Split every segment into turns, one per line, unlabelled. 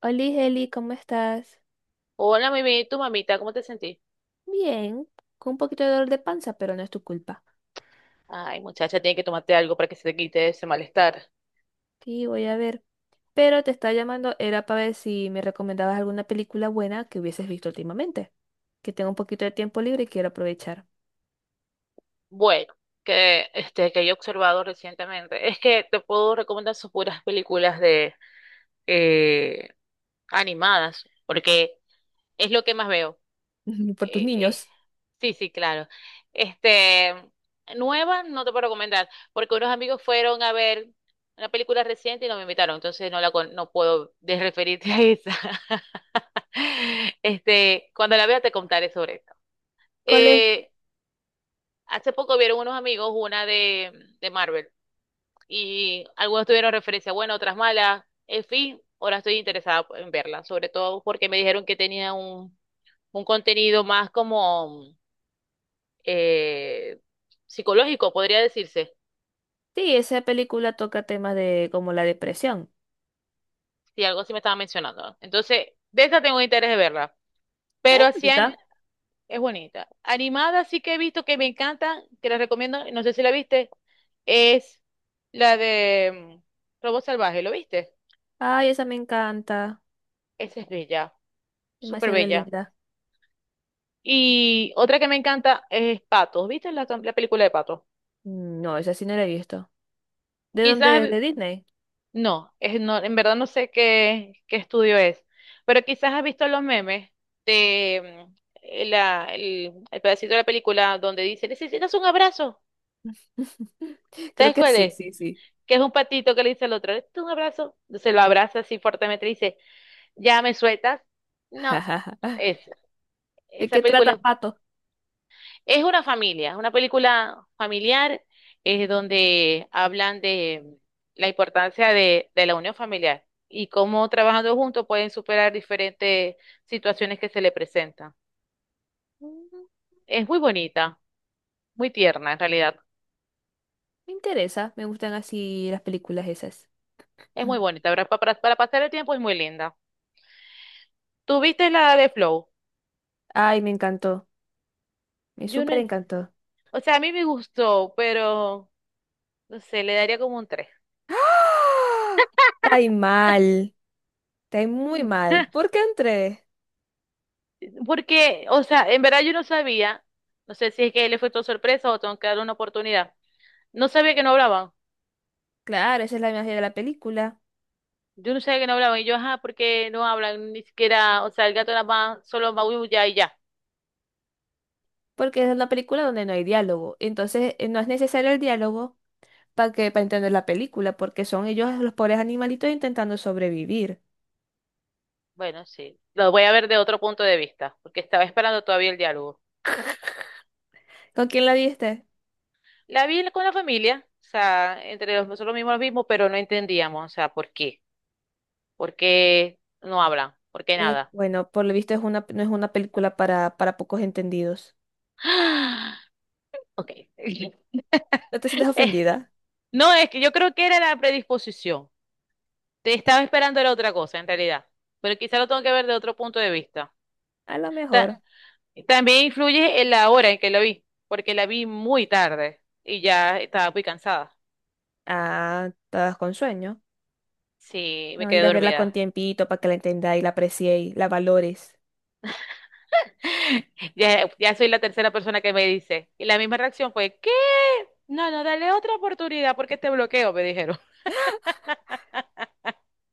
Hola, Heli, ¿cómo estás?
Hola, mimi, tu mamita, ¿cómo te sentís?
Bien, con un poquito de dolor de panza, pero no es tu culpa.
Ay, muchacha, tiene que tomarte algo para que se te quite ese malestar.
Sí, voy a ver. Pero te estaba llamando, era para ver si me recomendabas alguna película buena que hubieses visto últimamente. Que tengo un poquito de tiempo libre y quiero aprovechar.
Bueno, que este que yo he observado recientemente es que te puedo recomendar sus puras películas de eh, animadas, porque es lo que más veo.
Por tus
Eh, eh,
niños.
sí, sí, claro. Este, nuevas no te puedo recomendar, porque unos amigos fueron a ver una película reciente y no me invitaron, entonces no puedo desreferirte a esa. Este, cuando la vea te contaré sobre esto.
¿Cuál es?
Eh, hace poco vieron unos amigos de Marvel y algunos tuvieron referencia buena, otras malas. En fin, ahora estoy interesada en verla, sobre todo porque me dijeron que tenía un contenido más como eh, psicológico, podría decirse,
Sí, esa película toca temas de como la depresión.
si algo así me estaba mencionando. Entonces, de esta tengo interés de verla. Pero
¿Es
así.
bonita?
Es bonita. Animada sí que he visto que me encantan, que la recomiendo, no sé si la viste, es la de Robot Salvaje, ¿lo viste?
Ay, esa me encanta.
Esa es bella, súper
Demasiado
bella.
linda.
Y otra que me encanta es Patos, ¿viste la película de Patos?
No, esa sí no la he visto. ¿De dónde es?
Quizás,
¿De Disney?
no, en verdad no sé qué estudio es, pero quizás has visto los memes de el pedacito de la película donde dice, necesitas un abrazo,
Creo
¿sabes
que
cuál
sí,
es?
sí, sí.
Que es un patito que le dice al otro, ¿esto es un abrazo? Se lo abraza así fuertemente y dice, ¿ya me sueltas? No, es,
¿De
esa
qué trata
película
Pato?
es una familia, es una película familiar, es donde hablan de la importancia de la unión familiar y cómo trabajando juntos pueden superar diferentes situaciones que se le presentan.
Mm,
Es muy bonita, muy tierna en realidad,
me interesa, me gustan así las películas esas.
es muy bonita, para pasar el tiempo es muy linda. ¿Tuviste la de Flow?
Ay, me encantó, me
Yo no,
súper
en-.
encantó.
O sea, a mí me gustó, pero no sé, le daría como un tres.
¡Ah! Está ahí mal, está ahí muy mal. ¿Por qué entré?
Porque, o sea, en verdad yo no sabía, no sé si es que le fue todo sorpresa o tengo que darle una oportunidad. No sabía que no hablaban.
Claro, esa es la magia de la película,
Yo no sabía que no hablaban. Y yo, ajá, ¿por qué no hablan? Ni siquiera, o sea, el gato nada más solo maulla y ya.
porque es una película donde no hay diálogo. Entonces, no es necesario el diálogo para entender la película, porque son ellos los pobres animalitos intentando sobrevivir.
Bueno, sí, lo voy a ver de otro punto de vista, porque estaba esperando todavía el diálogo.
¿Con quién la viste?
La vi con la familia, o sea, entre los, nosotros mismos lo mismo, pero no entendíamos, o sea, ¿por qué? ¿Por qué no hablan? ¿Por qué nada?
Bueno, por lo visto es una, no es una película para pocos entendidos.
Ok.
¿No te sientas
Eh,
ofendida?
no, es que yo creo que era la predisposición. Te estaba esperando era otra cosa, en realidad. Pero quizá lo tengo que ver de otro punto de vista.
A lo
Ta-
mejor,
también influye en la hora en que lo vi, porque la vi muy tarde y ya estaba muy cansada.
ah, estás con sueño.
Sí,
No,
me quedé
necesitas verla con
dormida.
tiempito para que la entendáis, la apreciéis, la valores.
Ya soy la tercera persona que me dice. Y la misma reacción fue, ¿qué? No, no, dale otra oportunidad porque te bloqueo, me dijeron.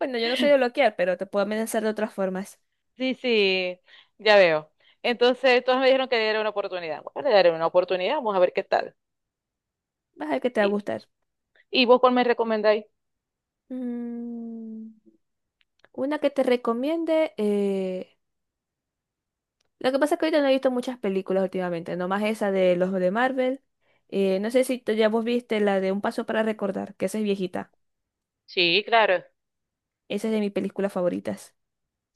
Bueno, yo no soy de bloquear, pero te puedo amenazar de otras formas.
Sí, sí, ya veo. Entonces, todos me dijeron que le diera una oportunidad. Bueno, le daré una oportunidad, vamos a ver qué tal.
Vas a ver que te va a
¿Y,
gustar.
¿y vos cuál me recomendáis?
Mm, una que te recomiende. Lo que pasa es que ahorita no he visto muchas películas últimamente, nomás esa de los de Marvel. No sé si tú ya vos viste la de Un Paso para Recordar, que esa es viejita.
Sí, claro.
Esa es de mis películas favoritas.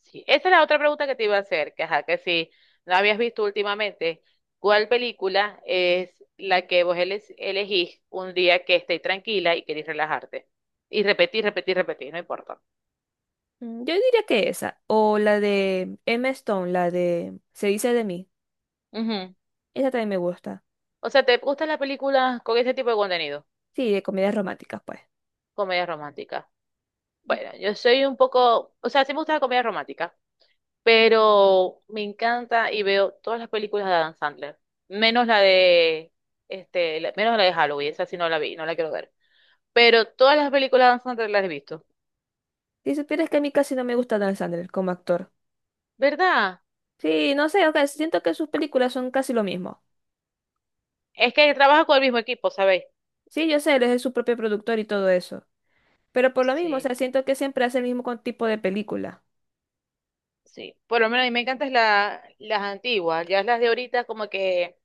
Sí. Esa es la otra pregunta que te iba a hacer, que ajá, que si no habías visto últimamente, ¿cuál película es la que vos elegís un día que estés tranquila y querés relajarte? Y repetir, repetir, repetir, no importa.
Mm, yo diría que esa, o la de Emma Stone, la de Se dice de mí.
Ujú.
Esa también me gusta.
O sea, ¿te gustan las películas con ese tipo de contenido?
Sí, de comedias románticas, pues.
Comedia romántica. Bueno, yo soy un poco, o sea, sí me gusta la comedia romántica, pero me encanta y veo todas las películas de Adam Sandler, menos la de menos la de Halloween, esa sí no la vi, no la quiero ver. Pero todas las películas de Adam Sandler las he visto.
Si supieras que a mí casi no me gusta Dan Sandler como actor.
¿Verdad?
Sí, no sé, ok, siento que sus películas son casi lo mismo.
Es que trabaja con el mismo equipo, ¿sabéis?
Sí, yo sé, él es su propio productor y todo eso. Pero por lo mismo, o
Sí,
sea, siento que siempre hace el mismo tipo de película.
sí. Por lo menos a mí me encantan las antiguas, ya las de ahorita como que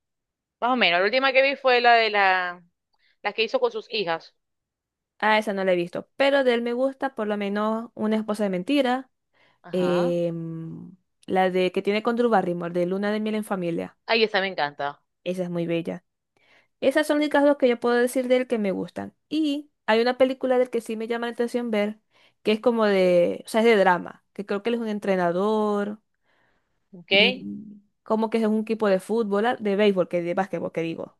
más o menos. La última que vi fue la de la las que hizo con sus hijas.
Ah, esa no la he visto. Pero de él me gusta por lo menos Una esposa de mentira.
Ajá.
em, la de que tiene con Drew Barrymore, de Luna de miel en familia.
Ay, esa me encanta.
Esa es muy bella. Esas son las únicas dos que yo puedo decir de él que me gustan. Y hay una película del que sí me llama la atención ver, que es como de, o sea, es de drama, que creo que él es un entrenador
¿Ok?
y como que es un equipo de fútbol, ah, de béisbol, que de básquetbol, que digo.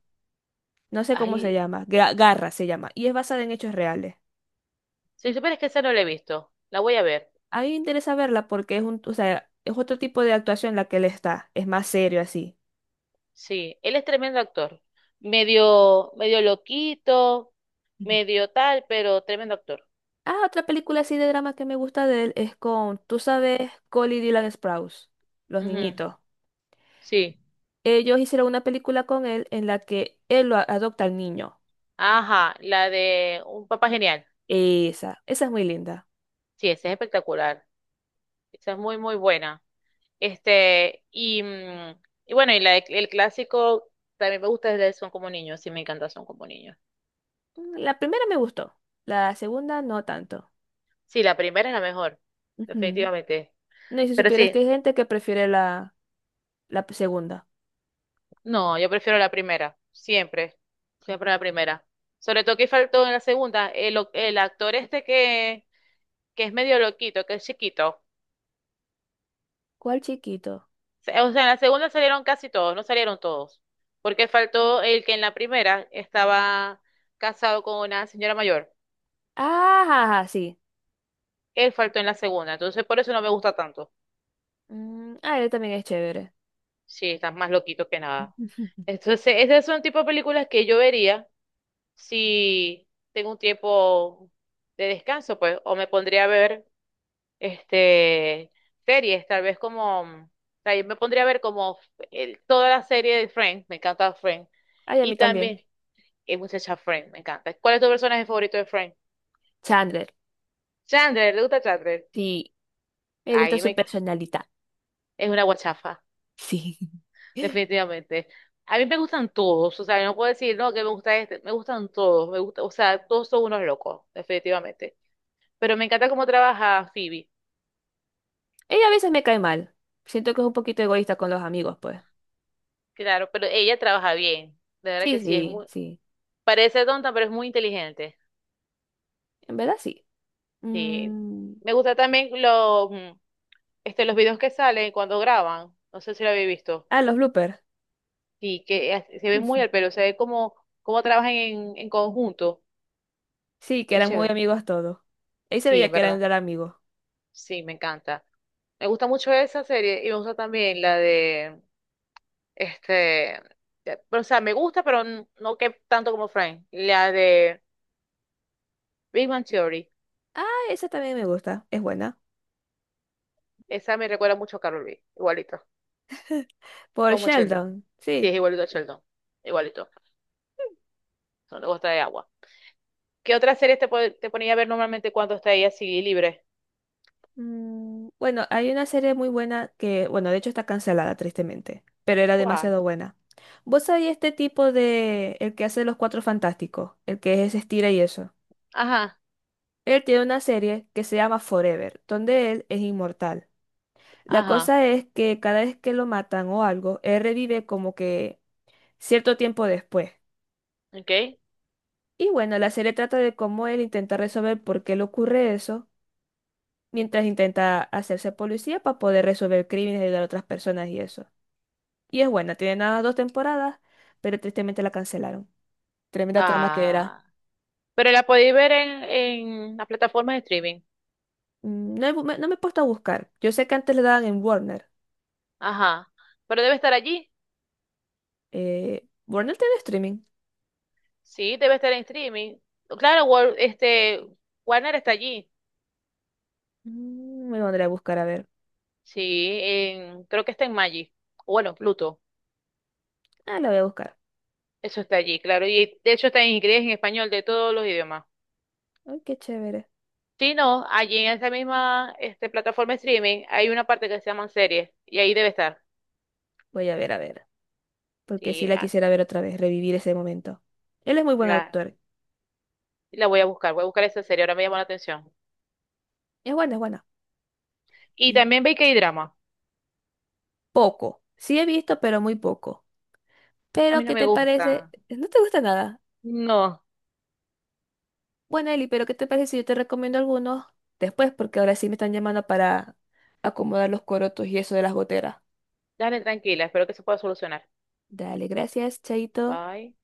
No sé cómo se
Ay,
llama, Garra se llama, y es basada en hechos reales.
si supieras que esa no la he visto, la voy a ver.
A mí me interesa verla porque es un, o sea, es otro tipo de actuación la que él está, es más serio así.
Sí, él es tremendo actor. Medio loquito,
Ujú.
medio tal, pero tremendo actor.
Ah, otra película así de drama que me gusta de él es con, tú sabes, Cole y Dylan Sprouse, los
Ujú,
niñitos.
sí.
Ellos hicieron una película con él en la que él lo adopta al niño.
Ajá, la de Un Papá Genial.
Esa es muy linda.
Sí, esa es espectacular. Esa es muy, muy buena. Este, y, mm, el clásico también me gusta desde Son como niños. Sí, me encanta Son como niños.
Mm, la primera me gustó, la segunda no tanto.
Sí, la primera es la mejor,
Ujú.
definitivamente.
No, y si
Pero
supieras
sí,
que hay gente que prefiere la segunda.
no, yo prefiero la primera, siempre, siempre la primera. Sobre todo que faltó en la segunda, el actor este que es medio loquito, que es chiquito.
¿Cuál chiquito?
O sea, en la segunda salieron casi todos, no salieron todos, porque faltó el que en la primera estaba casado con una señora mayor.
Ah, ja, ja, sí.
Él faltó en la segunda, entonces por eso no me gusta tanto.
Mm, ah, él también es chévere.
Sí, estás más loquito que nada. Entonces, ese es un tipo de películas que yo vería si tengo un tiempo de descanso, pues, o me pondría a ver este, series, tal vez como, o sea, yo me pondría a ver como toda la serie de Friends, me encanta Friends,
Ay, a
y
mí también.
también, es muchacha Friends, me encanta. ¿Cuál es tu personaje favorito de Friends?
Chandler,
Chandler, ¿le gusta Chandler?
sí. Me gusta
Ahí
su
me,
personalidad.
es una guachafa,
Sí.
definitivamente. A mí me gustan todos, o sea, no puedo decir, no, que me gusta este, me gustan todos, me gusta, o sea, todos son unos locos, definitivamente. Pero me encanta cómo trabaja Phoebe,
Ella a veces me cae mal. Siento que es un poquito egoísta con los amigos, pues.
claro, pero ella trabaja bien, de verdad
Sí,
que sí, es
sí,
muy,
sí.
parece tonta, pero es muy inteligente.
En verdad, sí.
Sí.
Mm,
Me gusta también los videos que salen cuando graban. No sé si lo habéis visto.
ah, los bloopers.
Sí, que se ve muy al pelo, se ve como, como trabajan en conjunto.
Sí, que
Es
eran muy
chévere.
amigos todos. Ahí se
Sí,
veía
en
que eran
verdad.
gran amigos.
Sí, me encanta. Me gusta mucho esa serie y me gusta también la de, este, de- pero, o sea, me gusta, pero no que tanto como Frank. La de Big Bang Theory.
Ah, esa también me gusta, es buena.
Esa me recuerda mucho a Carol B. Igualito.
Por
Como Sheldon.
Sheldon,
Sí,
sí.
es igualito a Sheldon. Igualito. Son de gota de agua. ¿Qué otras series te ponía a ver normalmente cuando está así libre?
Mm, bueno, hay una serie muy buena que, bueno, de hecho está cancelada, tristemente, pero era
¿Cuál?
demasiado buena. ¿Vos sabés este tipo de, el que hace los Cuatro Fantásticos, el que es estira y eso?
Ajá,
Él tiene una serie que se llama Forever, donde él es inmortal. La
ajá,
cosa es que cada vez que lo matan o algo, él revive como que cierto tiempo después.
okay.
Y bueno, la serie trata de cómo él intenta resolver por qué le ocurre eso, mientras intenta hacerse policía para poder resolver crímenes y ayudar a otras personas y eso. Y es buena, tiene nada más dos temporadas, pero tristemente la cancelaron. Tremenda trama que era.
Ah, pero la podéis ver en las plataformas de streaming.
Mm, no, no me he puesto a buscar. Yo sé que antes le daban en Warner.
Ajá, pero debe estar allí.
¿Warner tiene streaming?
Sí, debe estar en streaming. Claro, Warner está allí.
Mm, me lo pondré a buscar a ver.
Sí, en- creo que está en Magic. Bueno, Pluto.
Ah, la voy a buscar.
Eso está allí, claro. Y de hecho está en inglés, en español, de todos los idiomas.
Ay, qué chévere.
Sí, no, allí en esa misma este, plataforma de streaming hay una parte que se llaman series y ahí debe estar.
Voy a ver, a ver. Porque sí
Y
la
ah,
quisiera ver otra vez, revivir ese momento. Él es muy buen
la,
actor.
la voy a buscar esa serie, ahora me llamó la atención.
Es buena, es buena.
Y
Y
también ve que hay drama.
poco. Sí he visto, pero muy poco.
A mí
Pero,
no
¿qué
me
te parece?
gusta.
No te gusta nada.
No,
Bueno, Eli, pero ¿qué te parece si yo te recomiendo algunos después? Porque ahora sí me están llamando para acomodar los corotos y eso de las goteras.
dale tranquila, espero que se pueda solucionar.
Dale, gracias, Chaito.
Bye.